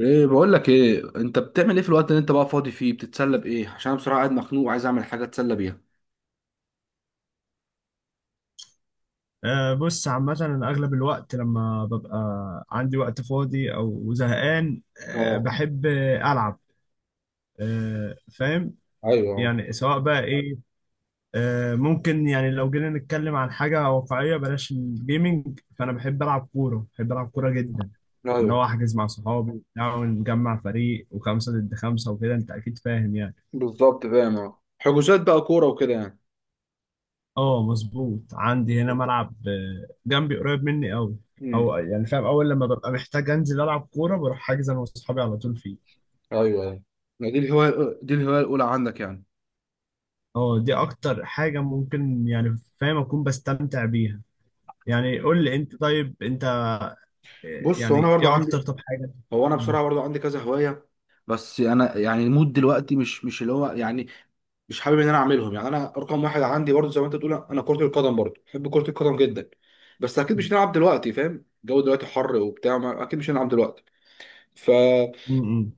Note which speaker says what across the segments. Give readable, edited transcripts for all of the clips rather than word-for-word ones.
Speaker 1: ايه بقول لك ايه؟ انت بتعمل ايه في الوقت اللي انت بقى فاضي فيه؟ بتتسلى بايه؟ عشان انا بصراحه قاعد مخنوق وعايز اعمل حاجه اتسلى بيها.
Speaker 2: بص، عامة أنا أغلب الوقت لما ببقى عندي وقت فاضي أو زهقان
Speaker 1: اه.
Speaker 2: بحب ألعب. أه، فاهم.
Speaker 1: ايوه
Speaker 2: يعني سواء بقى إيه. أه ممكن، يعني لو جينا نتكلم عن حاجة واقعية بلاش الجيمينج، فأنا بحب ألعب كورة، بحب ألعب كورة جدا. إن
Speaker 1: ايوه.
Speaker 2: هو أحجز مع صحابي وبتاع ونجمع فريق وخمسة ضد خمسة وكده، أنت أكيد فاهم يعني.
Speaker 1: بالظبط فاهم، اه، حجوزات بقى كوره وكده يعني.
Speaker 2: اه مظبوط. عندي هنا ملعب جنبي، قريب مني قوي.
Speaker 1: امم.
Speaker 2: او يعني فاهم، اول لما ببقى محتاج انزل العب كوره بروح حاجز انا واصحابي على طول فيه.
Speaker 1: ايوه ايوه. ما دي الهوايه الاولى عندك يعني.
Speaker 2: اه دي اكتر حاجه ممكن يعني فاهم اكون بستمتع بيها. يعني قول لي انت، طيب انت
Speaker 1: بص، هو انا
Speaker 2: يعني
Speaker 1: برضو
Speaker 2: ايه اكتر
Speaker 1: عندي،
Speaker 2: طب حاجه؟
Speaker 1: هو انا بصراحه برضو عندي كذا هوايه. بس انا يعني المود دلوقتي مش اللي هو يعني، مش حابب ان انا اعملهم. يعني انا رقم واحد عندي برضه، زي ما انت بتقول، انا كرة القدم برضه بحب كرة القدم جدا. بس اكيد مش هنلعب دلوقتي، فاهم؟ الجو دلوقتي حر وبتاع، اكيد مش هنلعب دلوقتي. ف
Speaker 2: امم.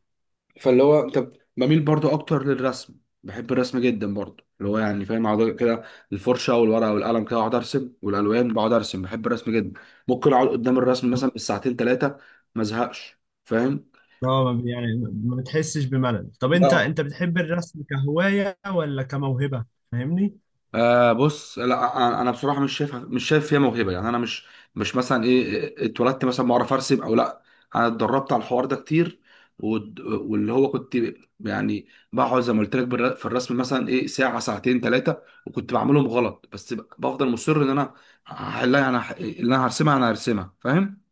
Speaker 1: فاللي هو انت، بميل برضه اكتر للرسم، بحب الرسم جدا برضه، اللي هو يعني فاهم، اقعد كده الفرشة والورقة والقلم، كده اقعد ارسم والالوان، بقعد ارسم، بحب الرسم جدا. ممكن اقعد قدام الرسم مثلا بالساعتين ثلاثة، ما ازهقش، فاهم؟
Speaker 2: اه ما بي- يعني ما بتحسش بملل؟ طب انت،
Speaker 1: لا.
Speaker 2: انت بتحب الرسم كهوايه ولا كموهبه؟ فاهمني؟
Speaker 1: آه، بص، لا انا بصراحه مش شايف فيها موهبه، يعني انا مش، مش مثلا ايه، اتولدت مثلا بعرف ارسم او لا، انا اتدربت على الحوار ده كتير. واللي هو كنت يعني بقعد زي ما قلت لك في الرسم مثلا ايه ساعه ساعتين ثلاثه، وكنت بعملهم غلط، بس بفضل مصر ان انا هحلها، انا، اللي انا هرسمها، فاهم؟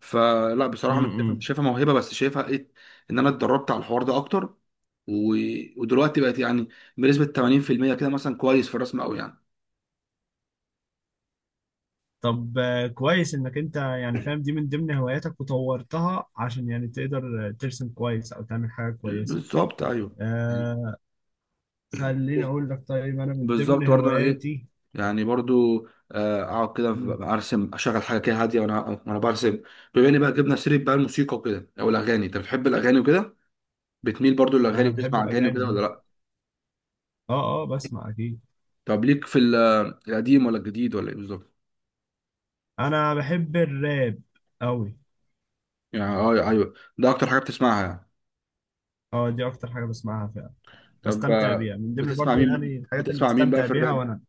Speaker 1: فلا
Speaker 2: م-
Speaker 1: بصراحه مش شايفها مش
Speaker 2: م.
Speaker 1: شايفها موهبه، بس شايفها ايه؟ ان انا اتدربت على الحوار ده اكتر، ودلوقتي بقت يعني بنسبه 80% كده مثلا كويس في الرسم قوي يعني.
Speaker 2: طب كويس انك انت يعني فاهم دي من ضمن هواياتك وطورتها عشان يعني تقدر ترسم كويس او تعمل حاجة كويسة.
Speaker 1: بالظبط، ايوه.
Speaker 2: آه، خليني اقول لك، طيب انا من
Speaker 1: بالظبط
Speaker 2: ضمن
Speaker 1: برضه، انا ايه
Speaker 2: هواياتي.
Speaker 1: يعني برضو، آه، اقعد كده
Speaker 2: مم.
Speaker 1: ارسم، اشغل حاجه كده هاديه، وانا، وانا برسم. بما اني بقى جبنا سيره بقى الموسيقى وكده، او الاغاني، انت بتحب الاغاني وكده؟ بتميل برضو للاغاني؟
Speaker 2: انا بحب
Speaker 1: بتسمع اغاني
Speaker 2: الاغاني
Speaker 1: وكده ولا
Speaker 2: أوي.
Speaker 1: لا؟
Speaker 2: اه اه، بسمع اكيد.
Speaker 1: طب ليك في القديم ولا الجديد ولا ايه بالظبط؟
Speaker 2: انا بحب الراب قوي.
Speaker 1: يعني، اه، ايوه، أيوه. ده اكتر حاجه بتسمعها يعني.
Speaker 2: اه دي اكتر حاجة بسمعها فعلا.
Speaker 1: طب،
Speaker 2: بستمتع
Speaker 1: آه،
Speaker 2: بيها، من ضمن
Speaker 1: بتسمع
Speaker 2: برضو يعني
Speaker 1: مين
Speaker 2: الحاجات اللي
Speaker 1: بتسمع مين بقى
Speaker 2: بستمتع
Speaker 1: في
Speaker 2: بيها
Speaker 1: الراب؟
Speaker 2: وانا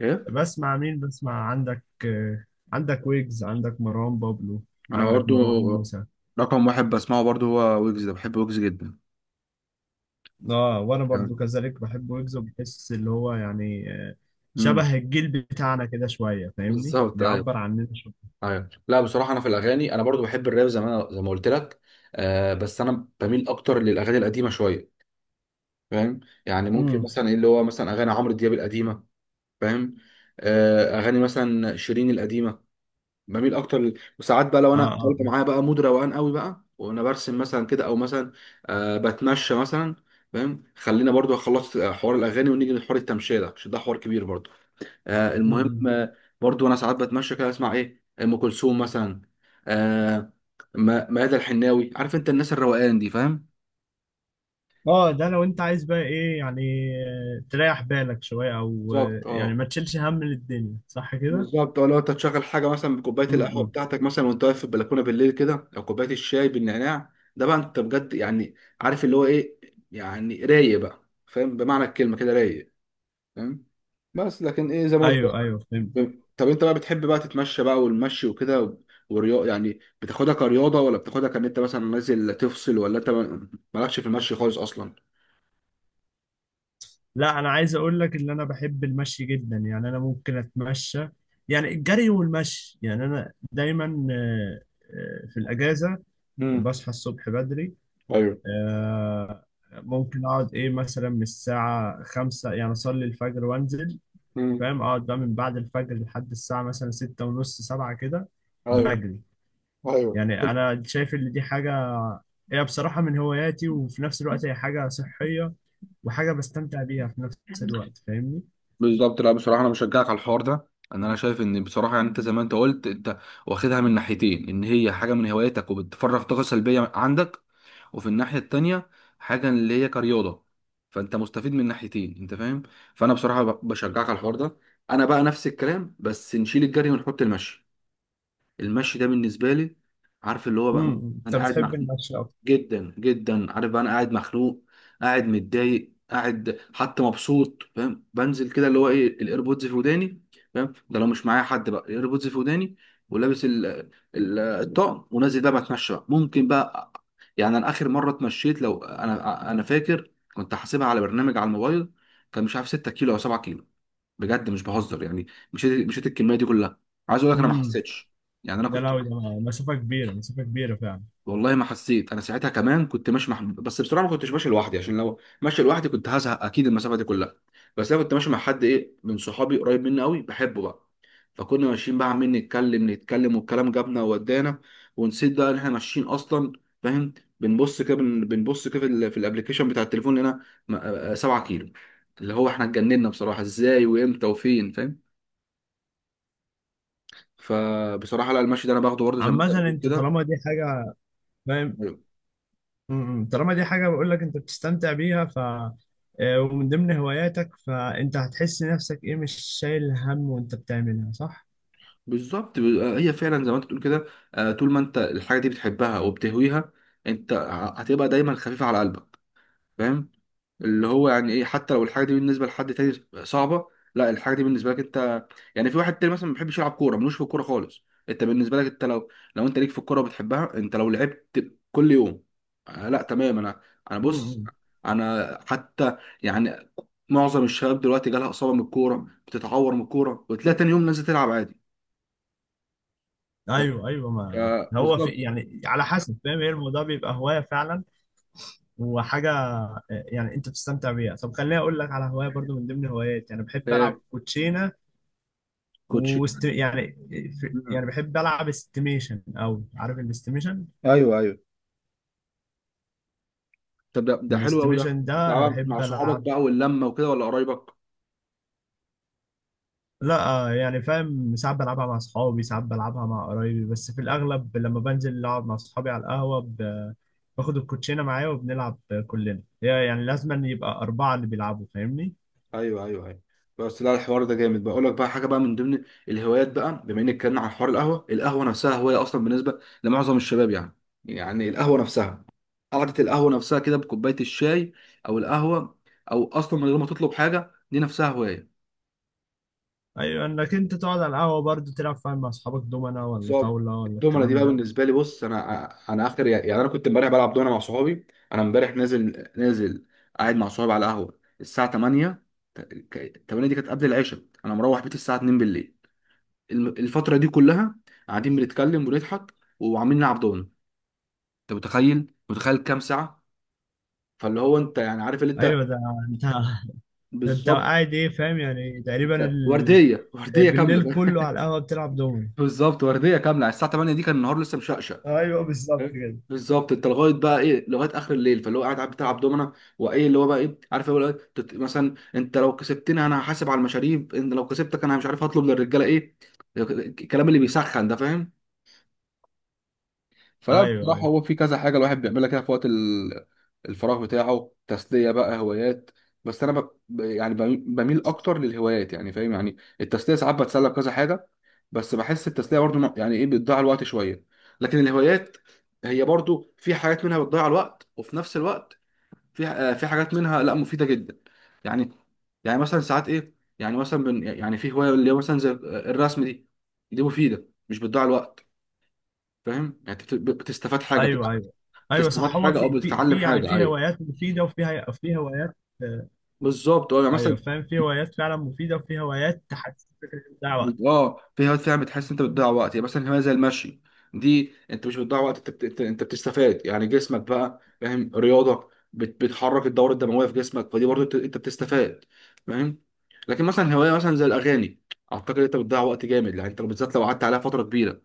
Speaker 1: ايه؟
Speaker 2: بسمع. مين بسمع؟ عندك عندك ويجز، عندك مروان بابلو،
Speaker 1: انا
Speaker 2: عندك
Speaker 1: برضو
Speaker 2: مروان موسى.
Speaker 1: رقم واحد بسمعه برضو هو ويجز، ده بحب ويجز جدا
Speaker 2: اه وانا
Speaker 1: يعني.
Speaker 2: برضو كذلك بحب ويجز. بحس اللي هو يعني
Speaker 1: مم.
Speaker 2: شبه الجيل بتاعنا كده شويه، فاهمني؟
Speaker 1: بالظبط، ايوه.
Speaker 2: بيعبر عننا شويه.
Speaker 1: ايوه، لا بصراحه انا في الاغاني انا برضو بحب الراب زي ما قلت لك، آه، بس انا بميل اكتر للاغاني القديمه شويه، فاهم؟ يعني ممكن
Speaker 2: امم.
Speaker 1: مثلا ايه، اللي هو مثلا اغاني عمرو دياب القديمه، فاهم؟ آه، اغاني مثلا شيرين القديمه، بميل اكتر ل... وساعات بقى لو
Speaker 2: اه
Speaker 1: انا
Speaker 2: اه.
Speaker 1: طالب، معايا بقى مود روقان قوي بقى، وانا برسم مثلا كده، او مثلا، آه، بتمشى مثلا، فاهم؟ خلينا برضو خلصت حوار الاغاني ونيجي لحوار التمشيه ده، عشان ده حوار كبير برضو. آه،
Speaker 2: م-
Speaker 1: المهم،
Speaker 2: م.
Speaker 1: آه، برضو انا ساعات بتمشى كده، اسمع ايه، ام كلثوم مثلا، آه، ميادة الحناوي، عارف انت الناس الروقان دي، فاهم؟
Speaker 2: اه ده لو انت عايز بقى ايه يعني تريح بالك شويه او
Speaker 1: بالظبط،
Speaker 2: يعني
Speaker 1: اه.
Speaker 2: ما تشيلش هم للدنيا، صح كده؟
Speaker 1: بالظبط، اه، لو انت تشغل حاجه مثلا بكوبايه القهوه
Speaker 2: امم.
Speaker 1: بتاعتك مثلا، وانت واقف في البلكونه بالليل كده، او كوبايه الشاي بالنعناع ده، بقى انت بجد يعني عارف اللي هو ايه، يعني رايق بقى، فاهم، بمعنى الكلمه كده رايق، فاهم؟ بس لكن ايه، زي ما قلت.
Speaker 2: ايوه ايوه فهمت.
Speaker 1: طب انت بقى بتحب بقى تتمشى بقى والمشي وكده والرياضة؟ يعني بتاخدها كرياضة، ولا بتاخدها كان انت مثلا نازل تفصل، ولا انت مالكش في المشي خالص اصلا؟
Speaker 2: لا، انا عايز اقول لك ان انا بحب المشي جدا، يعني انا ممكن اتمشى. يعني الجري والمشي، يعني انا دايما في الاجازه
Speaker 1: امم.
Speaker 2: بصحى الصبح بدري.
Speaker 1: ايوه.
Speaker 2: آه، ممكن اقعد ايه مثلا من الساعة 5، يعني اصلي الفجر وانزل.
Speaker 1: امم.
Speaker 2: فاهم، اقعد بقى من بعد الفجر لحد الساعة مثلا ستة ونص سبعة كده
Speaker 1: ايوه
Speaker 2: بجري.
Speaker 1: ايوه.
Speaker 2: يعني انا شايف ان دي حاجة، هي بصراحة من هواياتي وفي نفس الوقت هي حاجة صحية وحاجة بستمتع بيها في نفس الوقت، فاهمني؟
Speaker 1: بالظبط، لا بصراحة أنا بشجعك على الحوار ده. أن أنا شايف إن بصراحة يعني أنت، زي ما أنت قلت، أنت واخدها من ناحيتين، إن هي حاجة من هواياتك وبتفرغ طاقة سلبية عندك، وفي الناحية التانية حاجة اللي هي كرياضة، فانت مستفيد من ناحيتين، انت فاهم؟ فانا بصراحة، بشجعك على الحوار ده. انا بقى نفس الكلام، بس نشيل الجري ونحط المشي. المشي ده بالنسبة لي، عارف اللي هو بقى،
Speaker 2: امم. انت
Speaker 1: انا قاعد
Speaker 2: بتحب
Speaker 1: مع،
Speaker 2: المشي اكتر.
Speaker 1: جدا جدا، عارف بقى انا قاعد مخنوق، قاعد متضايق، قاعد حتى مبسوط، فاهم، بنزل كده اللي هو ايه، الايربودز في وداني، فاهم؟ ده لو مش معايا حد بقى، الايربودز في وداني، ولابس ال ال الطقم، ونازل بقى بتمشى بقى. ممكن بقى، يعني انا اخر مره اتمشيت، لو انا فاكر كنت حاسبها على برنامج على الموبايل، كان مش عارف 6 كيلو او 7 كيلو، بجد مش بهزر يعني، مشيت الكميه دي كلها. عايز اقول لك انا ما
Speaker 2: امم.
Speaker 1: حسيتش، يعني انا
Speaker 2: ده
Speaker 1: كنت،
Speaker 2: لو ده مسافة كبيرة، مسافة كبيرة فعلا.
Speaker 1: والله ما حسيت انا، ساعتها كمان كنت ماشي مع، بس بصراحه ما كنتش ماشي لوحدي، عشان لو ماشي لوحدي كنت هزهق اكيد المسافه دي كلها. بس انا كنت ماشي مع حد ايه، من صحابي قريب مني قوي، بحبه بقى، فكنا ماشيين بقى عمالين نتكلم نتكلم، والكلام جابنا وودانا، ونسيت بقى ان احنا ماشيين اصلا، فاهم؟ بنبص كده، بنبص كده في في الابليكيشن بتاع التليفون، لقينا آه، 7 كيلو، اللي هو احنا اتجننا بصراحه، ازاي وامتى وفين، فاهم؟ فبصراحه لا، المشي ده انا باخده برضه زي ما انت
Speaker 2: عامة
Speaker 1: بتقول
Speaker 2: انت
Speaker 1: كده.
Speaker 2: طالما دي حاجة، فاهم. امم. طالما دي حاجة بقول لك انت بتستمتع بيها، ف ومن ضمن هواياتك، فانت هتحس نفسك ايه مش شايل هم وانت بتعملها، صح؟
Speaker 1: بالظبط، آه، هي فعلا زي ما انت بتقول كده. آه، طول ما انت الحاجه دي بتحبها وبتهويها، انت، هتبقى دايما خفيفه على قلبك، فاهم؟ اللي هو يعني ايه، حتى لو الحاجه دي بالنسبه لحد تاني صعبه، لا، الحاجه دي بالنسبه لك انت، يعني في واحد تاني مثلا ما بيحبش يلعب كوره، ملوش في الكوره خالص، انت بالنسبه لك انت لو، لو انت ليك في الكوره وبتحبها، انت لو لعبت كل يوم، آه، لا تمام. انا، انا بص،
Speaker 2: امم.
Speaker 1: انا حتى يعني، معظم الشباب دلوقتي جالها اصابه من الكوره، بتتعور من الكوره وتلاقي تاني يوم نازل تلعب عادي.
Speaker 2: ايوه ايوه. ما
Speaker 1: آه،
Speaker 2: هو في
Speaker 1: بالظبط.
Speaker 2: يعني على حسب فاهم. هي الموضوع بيبقى هوايه فعلا وحاجه يعني انت بتستمتع بيها. طب خليني اقول لك على هوايه برضو من ضمن هواياتي، انا بحب
Speaker 1: هي
Speaker 2: العب كوتشينه
Speaker 1: كوتشي.
Speaker 2: يعني
Speaker 1: مم.
Speaker 2: يعني بحب العب استيميشن، او عارف الاستيميشن؟
Speaker 1: ايوه ايوه. طب ده حلو قوي، ده
Speaker 2: الاستيميشن ده انا
Speaker 1: بتلعبها مع
Speaker 2: بحب
Speaker 1: صحابك
Speaker 2: العب.
Speaker 1: بقى واللمه وكده، ولا قرايبك؟
Speaker 2: لا يعني فاهم، ساعات بلعبها مع اصحابي، ساعات بلعبها مع قرايبي، بس في الاغلب لما بنزل اقعد مع اصحابي على القهوه باخد الكوتشينه معايا وبنلعب كلنا. هي يعني لازم أن يبقى 4 اللي بيلعبوا، فاهمني؟
Speaker 1: ايوه ايوه ايوه. بس لا، الحوار ده جامد، بقول لك بقى حاجه بقى من ضمن الهوايات بقى، بما انك اتكلمنا عن حوار القهوه، القهوه نفسها هوايه اصلا بالنسبه لمعظم الشباب يعني. يعني القهوه نفسها، قعده القهوه نفسها كده بكوبايه الشاي او القهوه، او اصلا من غير ما تطلب حاجه، دي نفسها هوايه.
Speaker 2: ايوه انك انت تقعد على القهوه برضه تلعب فاهم مع اصحابك دومنا ولا
Speaker 1: بالظبط،
Speaker 2: طاوله ولا
Speaker 1: الدومنه دي
Speaker 2: الكلام
Speaker 1: بقى
Speaker 2: ده.
Speaker 1: بالنسبه لي، بص انا اخر، يعني انا كنت امبارح بلعب دومنه مع صحابي. انا امبارح نازل نازل، قاعد مع صحابي على القهوه الساعه 8، 8 دي كانت قبل العشاء، انا مروح بيتي الساعه 2 بالليل، الفتره دي كلها قاعدين بنتكلم ونضحك، وعاملين نلعب دومنه. انت متخيل؟ متخيل كام ساعه؟ فاللي هو انت يعني عارف اللي انت،
Speaker 2: ايوه ده انت ده انت
Speaker 1: بالظبط.
Speaker 2: قاعد ايه فاهم يعني تقريبا
Speaker 1: انت ورديه، ورديه كامله.
Speaker 2: بالليل كله على القهوه بتلعب دومنا.
Speaker 1: بالظبط، ورديه كامله، على الساعه 8 دي كان النهار لسه مشقشق.
Speaker 2: ايوه بالظبط كده.
Speaker 1: بالظبط، انت لغايه بقى ايه، لغايه اخر الليل، فاللي هو قاعد بتلعب دومنا، وايه اللي هو بقى ايه، عارف اللي هو ايه، مثلا انت لو كسبتني انا هحاسب على المشاريب، انت لو كسبتك انا مش عارف هطلب للرجاله ايه، الكلام اللي بيسخن ده، فاهم؟ فلا
Speaker 2: ايوه
Speaker 1: بصراحة،
Speaker 2: ايوه
Speaker 1: هو في كذا حاجة الواحد بيعملها كده في وقت الفراغ بتاعه، تسلية بقى، هوايات. بس أنا يعني بميل أكتر للهوايات، يعني فاهم، يعني التسلية ساعات بتسلى بكذا حاجة، بس بحس التسلية برضو يعني إيه، بتضيع الوقت شوية، لكن الهوايات هي برضو، في حاجات منها بتضيع الوقت، وفي نفس الوقت في، آه، في حاجات منها لا، مفيدة جدا يعني. يعني مثلا ساعات إيه، يعني مثلا يعني في هواية اللي هو مثلا زي الرسم دي، دي مفيدة، مش بتضيع الوقت، فاهم؟ يعني بتستفاد حاجة،
Speaker 2: ايوه. ايوه ايوه
Speaker 1: تستفاد
Speaker 2: صح. هو
Speaker 1: حاجه او
Speaker 2: في في
Speaker 1: بتتعلم
Speaker 2: في يعني
Speaker 1: حاجه،
Speaker 2: في
Speaker 1: ايوه.
Speaker 2: هوايات مفيده وفي في هوايات آه،
Speaker 1: بالظبط، اه، يعني مثلا،
Speaker 2: ايوه فاهم، في هوايات فعلا مفيده وفي هوايات تحسسك ان انت بتضيع وقت.
Speaker 1: اه، في هوايات فعلا بتحس انت بتضيع وقت، يعني مثلا هوايه زي المشي دي، انت مش بتضيع وقت، انت أنت بتستفاد، يعني جسمك بقى فاهم رياضه، بتحرك الدوره الدمويه في جسمك، فدي برضه أنت بتستفاد، فاهم؟ لكن مثلا هوايه مثلا زي الاغاني، اعتقد انت بتضيع وقت جامد، يعني انت بالذات لو قعدت عليها فتره كبيره،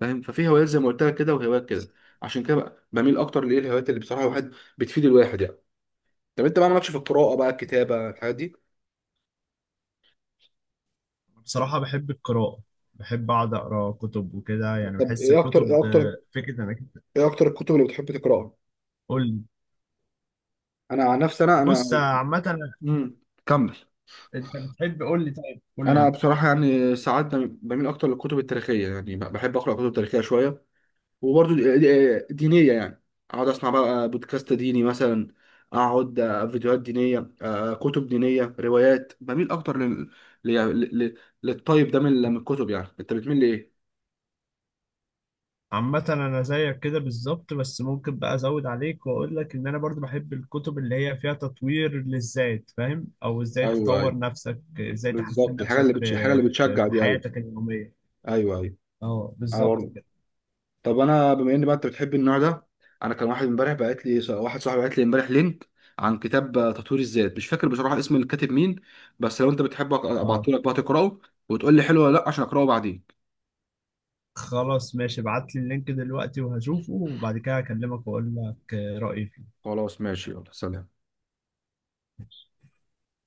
Speaker 1: فاهم؟ ففي هوايات زي ما قلت لك كده وهوايات كده، عشان كده بقى بميل اكتر لايه، الهوايات اللي بصراحه الواحد، بتفيد الواحد يعني. طب انت بقى مالكش في القراءه بقى، الكتابه، الحاجات دي؟
Speaker 2: أنا بصراحه بحب القراءه، بحب اقعد اقرا كتب وكده. يعني
Speaker 1: طب
Speaker 2: بحس
Speaker 1: ايه اكتر،
Speaker 2: الكتب
Speaker 1: ايه اكتر
Speaker 2: فكره انك
Speaker 1: ايه اكتر الكتب اللي بتحب تقراها؟
Speaker 2: قول لي.
Speaker 1: انا عن نفسي، انا
Speaker 2: بص عامه.
Speaker 1: امم، كمل.
Speaker 2: انت بتحب، قول لي، طيب قول لي
Speaker 1: انا
Speaker 2: انت.
Speaker 1: بصراحه يعني ساعات بميل اكتر للكتب التاريخيه، يعني بحب اقرا كتب تاريخيه شويه، وبرضو دينيه يعني، اقعد اسمع بقى بودكاست ديني مثلا، اقعد، آه، فيديوهات دينيه، آه، كتب دينيه، روايات، بميل اكتر لل... ل... ل... للطيب ده، من الكتب. يعني انت بتميل لايه؟
Speaker 2: عامة أنا زيك كده بالظبط، بس ممكن بقى أزود عليك وأقول لك إن أنا برضو بحب الكتب اللي هي فيها تطوير للذات، فاهم؟ أو إزاي
Speaker 1: ايوه ايوه.
Speaker 2: تطور نفسك، إزاي تحسن
Speaker 1: بالظبط، الحاجه
Speaker 2: نفسك
Speaker 1: اللي الحاجه
Speaker 2: في
Speaker 1: اللي
Speaker 2: في,
Speaker 1: بتشجع
Speaker 2: في
Speaker 1: دي، ايوه.
Speaker 2: حياتك اليومية.
Speaker 1: ايوه ايوه.
Speaker 2: أه
Speaker 1: انا
Speaker 2: بالظبط
Speaker 1: برضو،
Speaker 2: كده.
Speaker 1: طب انا بما ان بقى انت بتحب النوع ده، انا كان واحد امبارح بعت لي، واحد صاحبي بعت لي امبارح لينك عن كتاب تطوير الذات، مش فاكر بصراحه اسم الكاتب مين، بس لو انت بتحبه
Speaker 2: أه
Speaker 1: ابعته لك بقى تقراه، وتقول لي حلو ولا لا، عشان اقراه بعدين.
Speaker 2: خلاص ماشي، ابعت لي اللينك دلوقتي وهشوفه وبعد كده هكلمك وأقول لك رأيي فيه.
Speaker 1: خلاص، ماشي، يلا، سلام.